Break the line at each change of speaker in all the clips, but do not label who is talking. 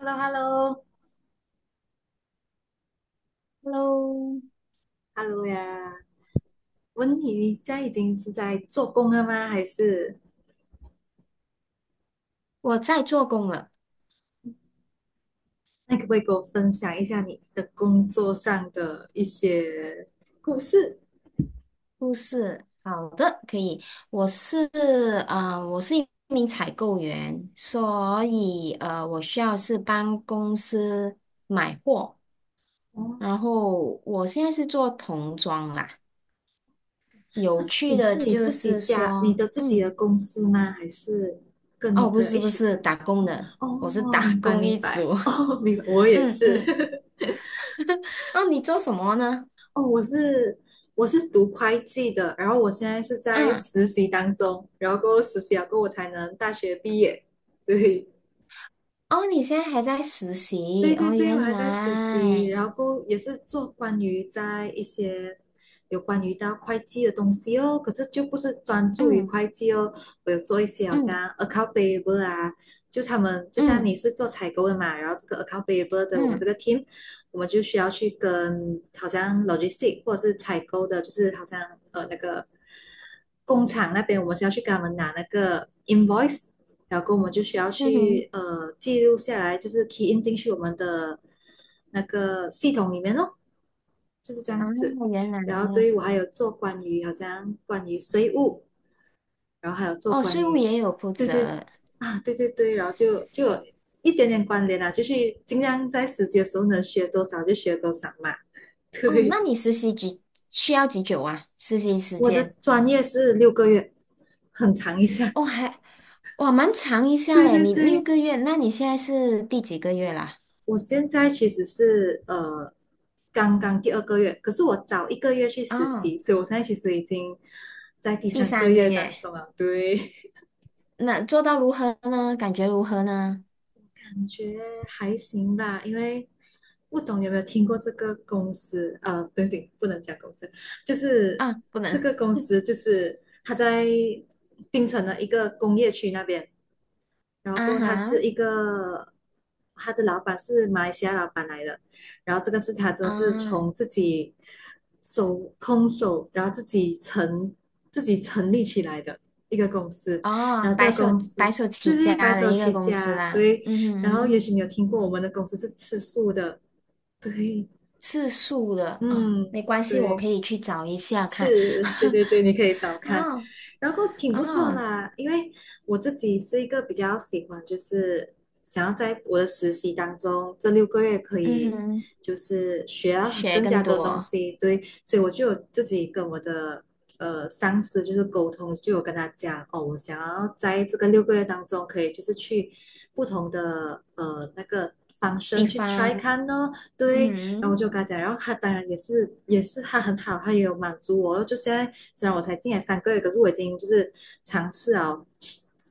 h e l l o
Hello，
h e l l o h e l l o 呀！问你，你现在已经是在做工了吗？还是
我在做工了。
那可不可以给我分享一下你的工作上的一些故事？
护士，好的，可以。我是我是一名采购员，所以我需要是帮公司买货。
哦，
然后我现在是做童装啦。
那
有
是
趣
你
的
是你
就
自己
是
家，你
说，
的自己
嗯，
的公司吗？还是跟你
哦，不
朋友
是
一
不
起开？
是，打工的，我是
哦，
打
明白
工
明
一
白，
族。
哦，明白我也
嗯
是。
嗯。哦，你做什么呢？
哦，我是读会计的，然后我现在是在
嗯。
实习当中，然后过后实习了过后我才能大学毕业。对。
哦，你现在还在实习
对对
哦，
对，我
原
还在实习，
来，
然后也是做关于在一些有关于到会计的东西哦，可是就不是专注于
嗯
会计哦，我有做一些好
嗯
像 account payable 啊，就他们就像
嗯
你是做采购的嘛，然后这个 account payable 的我们这
嗯
个 team，我们就需要去跟好像 logistic 或者是采购的，就是好像那个工厂那边，我们是要去跟他们拿那个 invoice。然后我们就需要
嗯哼，
去记录下来，就是 key in 进去我们的那个系统里面哦，就是这
啊，
样子。
原来，
然后对于我还有做关于好像关于税务，然后还有做
哦，
关
税务也
于
有负
对对
责
啊对对对，然后就有一点点关联啦、啊就是尽量在实习的时候能学多少就学多少嘛。
哦，那
对，
你实习几需要几久啊？实习时
我的
间
专业是六个月，很长一下。
哦，还哇蛮长一下
对
嘞，
对
你六
对。
个月，那你现在是第几个月啦？
我现在其实是刚刚第二个月，可是我早一个月去实
哦，
习，所以我现在其实已经在第
第
三个
三个
月
月，
当中了。对，
那做到如何呢？感觉如何呢？
感觉还行吧，因为不懂有没有听过这个公司？不用不能讲公司，就是
啊，不
这
能
个公司就是它在槟城的一个工业区那边，然后过
啊
后他是
哈
一个，他的老板是马来西亚老板来的，然后这个是他这是
啊。
从自己手空手，然后自己成立起来的一个公司，
哦，
然后这个公
白
司
手
这
起家
是白
的
手
一个
起
公司
家，
啦，
对，
嗯哼
然后也
哼，
许你有听过我们的公司是吃素的，对，
次数的啊哦，
嗯，
没关系，我
对，
可以去找一下看。
是，对对 对，你可以找看，
哦
然后挺不错
哦，
啦。因为我自己是一个比较喜欢，就是想要在我的实习当中，这六个月可
嗯
以
哼，
就是学到
学
更加
更
多东
多
西，对，所以我就有自己跟我的上司就是沟通，就有跟他讲，哦，我想要在这个六个月当中，可以就是去不同的方
地
生去 try
方，
看哦，
嗯
对，然后我
哼，
就跟他讲，然后他当然也是他很好，他也有满足我。就现在虽然我才进来三个月，可是我已经就是尝试了，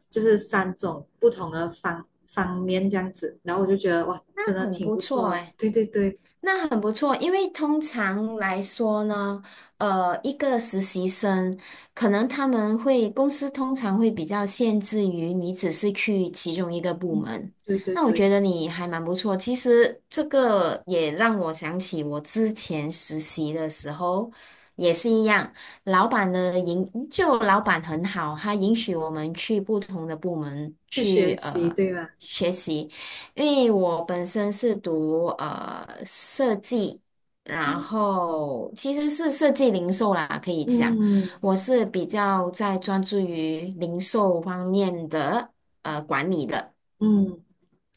就是3种不同的方方面这样子，然后我就觉得哇，真
那
的
很
挺
不
不错
错
的。
哎。
对对对，
那很不错，因为通常来说呢，一个实习生可能他们会公司通常会比较限制于你只是去其中一个部
嗯，
门。
对对
那我
对，
觉得你还蛮不错。其实这个也让我想起我之前实习的时候也是一样，老板很好，他允许我们去不同的部门
去
去
学习对吧？
学习。因为我本身是读设计，然
嗯
后其实是设计零售啦，可以讲，
嗯，
我是比较在专注于零售方面的管理的。
嗯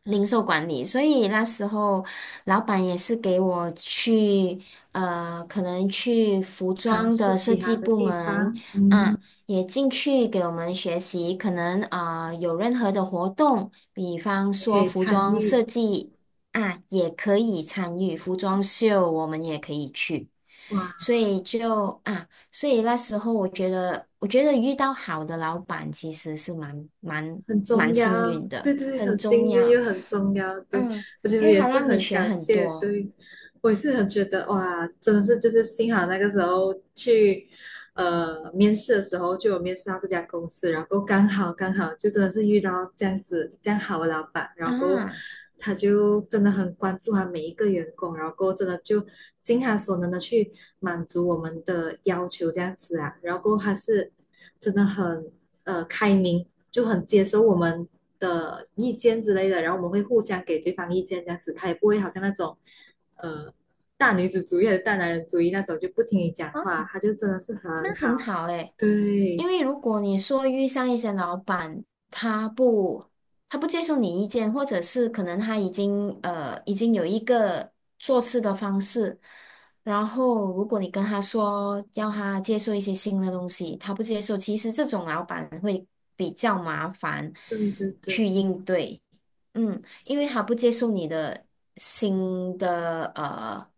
零售管理，所以那时候老板也是给我去，呃，可能去服
尝
装
试
的设
其
计
他的
部
地
门
方，嗯，
啊，也进去给我们学习，可能啊，有任何的活动，比方
也可
说
以
服
参
装
与。
设计啊，也可以参与服装秀，我们也可以去，
哇，
所以就啊。所以那时候我觉得遇到好的老板其实是
很重
蛮幸
要，
运的，
对对对，很
很重
幸运
要。
又很重要，对，
嗯，
我其
因
实
为
也
好
是
让你
很
学
感
很
谢，
多
对，我也是很觉得哇，真的是就是幸好那个时候去面试的时候就有面试到这家公司，然后刚好刚好就真的是遇到这样子这样好的老板，然后
啊，
他就真的很关注他每一个员工，然后真的就尽他所能的去满足我们的要求这样子啊，然后他是真的很开明，就很接受我们的意见之类的，然后我们会互相给对方意见，这样子，他也不会好像那种，呃，大女子主义的大男人主义那种，就不听你讲
啊，
话，他就真的是
那
很
很
好。
好诶。因
对，
为如果你说遇上一些老板，他不他不接受你意见，或者是可能他已经有一个做事的方式，然后如果你跟他说要他接受一些新的东西，他不接受，其实这种老板会比较麻烦
对对对，
去应对，嗯，因为
是
他不接受你的新的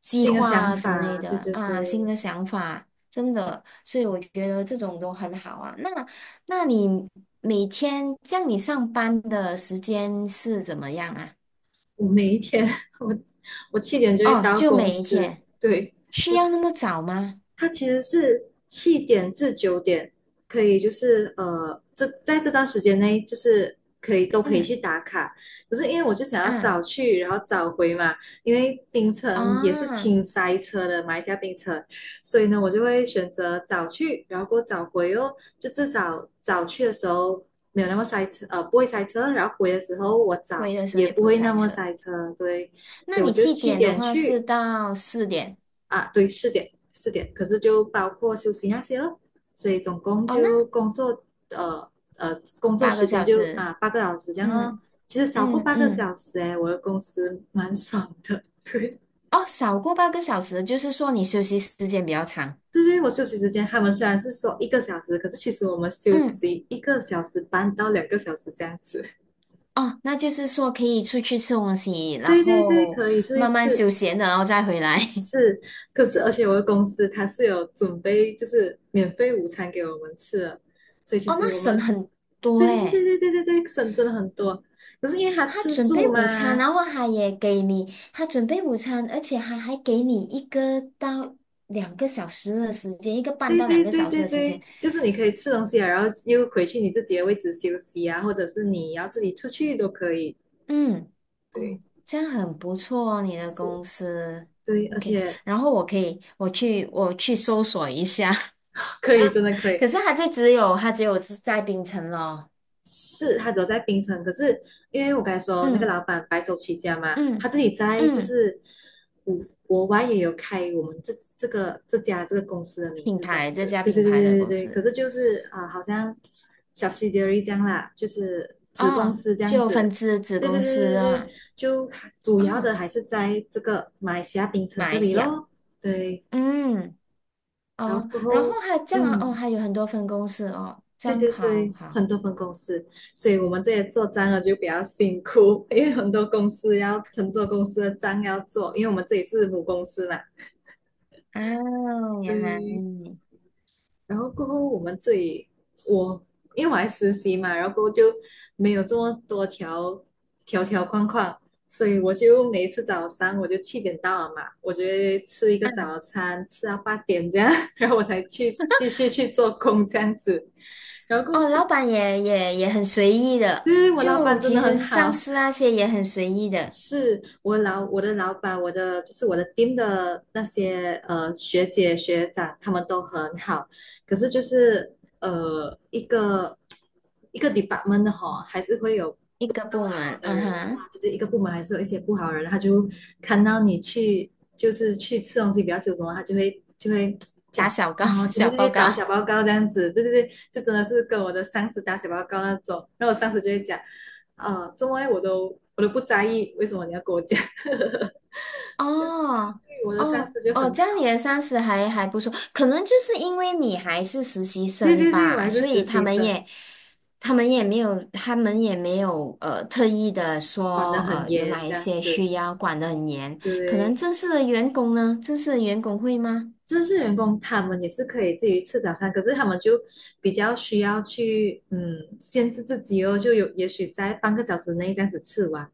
计
新的想
划之类
法，对
的
对
啊，新
对。
的想法。真的，所以我觉得这种都很好啊。那你每天这样，你上班的时间是怎么样啊？
我每一天，我我七点就会
哦，
到
就
公
每一
司，
天，
对，
需
我
要那么早吗？
它其实是7点至9点，可以就是这在这段时间内就是可以都可以
嗯
去打卡。可是因为我就想要
啊
早去，然后早回嘛，因为槟城也是
啊，
挺塞车的，马来西亚槟城，所以呢，我就会选择早去，然后过早回哦，就至少早去的时候没有那么塞车，不会塞车，然后回的时候我早
回的时候
也
也
不
不
会
塞
那么
车。
塞车，对，所
那
以我
你
就
七
七
点的
点
话是
去。
到四点
啊，对，4点4点，可是就包括休息那些咯，所以总共
哦，那
就呃工作
八
时
个
间
小
就啊
时，
八个小时这样哦。
嗯
其实少过
嗯
八个
嗯，
小时诶，我的公司蛮爽的，对。
哦，少过八个小时，就是说你休息时间比较长。
就是我休息时间，他们虽然是说一个小时，可是其实我们休
嗯。
息1个小时半到2个小时这样子。
哦，那就是说可以出去吃东西，然
对对对，
后
可以出一
慢慢休
次
闲的然后再回来。
是，可是而且我的公司它是有准备就是免费午餐给我们吃的，所以其
哦，
实
那
我
省
们
很多
对对对
嘞。
对对对对，省真的很多。可是因为他
他
吃
准备
素
午餐，
嘛，
然后他也给你，他准备午餐，而且他还给你一个到两个小时的时间，一个半
对
到两
对
个
对
小时
对
的时间。
对，就是你可以吃东西啊，然后又回去你自己的位置休息啊，或者是你要自己出去都可以。
嗯，哦，
对，
这样很不错哦，你的
是，
公司。
对，而
OK，
且
然后我可以，我去，我去搜索一下。
可以，真的可 以。
可是他只有是在槟城咯。
是他只有在槟城，可是因为我刚才说那个
嗯。
老板白手起家嘛，他
嗯
自己在就
嗯，
是国国外也有开我们这家公司的名字这样
这
子，
家
对对
品
对
牌
对
的
对
公
对，可
司
是就是好像 subsidiary 这样啦，就是子公
啊，
司这样
就分
子，
支子
对
公
对
司
对对对，
啊，
就主要的
嗯，
还是在这个马来西亚槟城
马
这
来
里
西亚，
咯，对，
嗯
然后
哦，
过
然后
后
还这样啊哦，
嗯，
还有很多分公司哦，这
对
样
对
好
对，
好
很多分公司，所以我们这些做账的就比较辛苦，因为很多公司要很多公司的账要做，因为我们这里是母公司嘛，
啊，原来
嗯，然后过后我们这里我因为我还实习嘛，然后过后就没有这么多条条框框，所以我就每一次早上我就七点到了嘛，我就会吃一个早餐，吃到8点这样，然后我才去继续去做工这样子。然后过后
哦，
这
老板也也很随意
就
的，
是我老
就
板真的
其实
很
是上
好，
司那些也很随意的
是我的老板，我的就是我的 team 的那些学姐学长，他们都很好。可是就是一个 department 的哈，还是会有
一个部
好
门，
的
嗯
人的啦，
哼，
就是一个部门还是有一些不好的人，他就看到你去就是去吃东西比较久什么，他就会讲
打小告
哦，对对
小报
对，打
告，
小报告这样子，对对对，就真的是跟我的上司打小报告那种，然后我上司就会讲，怎么会我都不在意，为什么你要跟我讲？就
哦
对我的上
哦
司就
哦，
很
这样
好，
你的上司还不错，可能就是因为你还是实习
对
生
对对，我
吧，
还是
所
实
以
习生，
他们也没有特意的
管
说
得很
有
严
哪一
这样
些
子，
需要管得很严，可能
对。
正式的员工呢，正式的员工会吗？
正式员工他们也是可以自己吃早餐，可是他们就比较需要去限制自己哦，就有也许在半个小时内这样子吃完。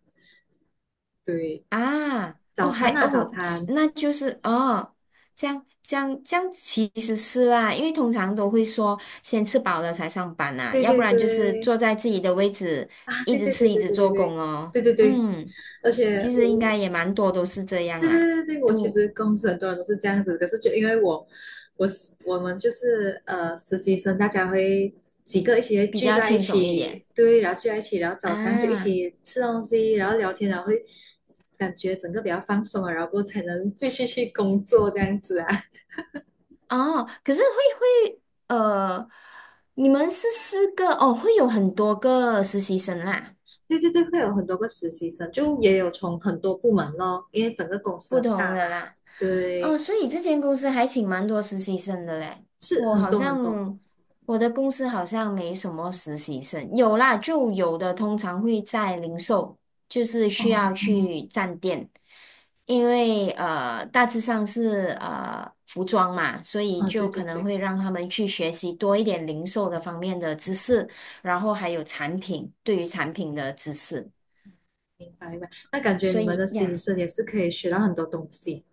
对，
啊，哦，
早
还
餐啊，早
哦，
餐，
那就是哦，这样其实是啦，因为通常都会说先吃饱了才上班呐、
对
要不
对
然就是
对，
坐在自己的位置
啊，
一
对
直
对对
吃一
对
直
对对
做
对
工哦。
对对对，
嗯，
而且
其
我
实应该
我
也蛮多都是这样
对
啦，
对对对，我其
嗯，
实公司很多人都是这样子，可是就因为我，我我们就是实习生，大家会几个一起会
比
聚
较
在一
轻松一点
起，对，然后聚在一起，然后早上就一
啊。
起吃东西，然后聊天，然后会感觉整个比较放松了，然后过后才能继续去工作这样子啊。
哦，可是会会呃，你们是四个哦，会有很多个实习生啦。
对对对，会有很多个实习生，就也有从很多部门咯，因为整个公司
不
很
同
大嘛，
的啦。哦，
对，
所以这间公司还请蛮多实习生的嘞。
是
我
很
好
多很多，
像我的公司好像没什么实习生，有啦，就有的通常会在零售，就是
哦，
需要
哦，
去站店，因为大致上是服装嘛，所以
啊对
就
对
可能
对。
会让他们去学习多一点零售的方面的知识，然后还有产品，对于产品的知识。
明白明白。那感觉
所
你们
以
的实习
呀。
生也是可以学到很多东西。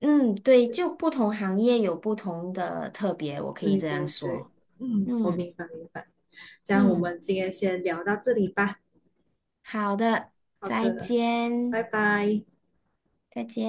嗯，对，就不同行业有不同的特别，我可以
对
这样
对对，
说。
嗯，我
嗯
明白明白。这样我
嗯，
们今天先聊到这里吧。
好的，
好
再
的，拜
见，
拜。
再见。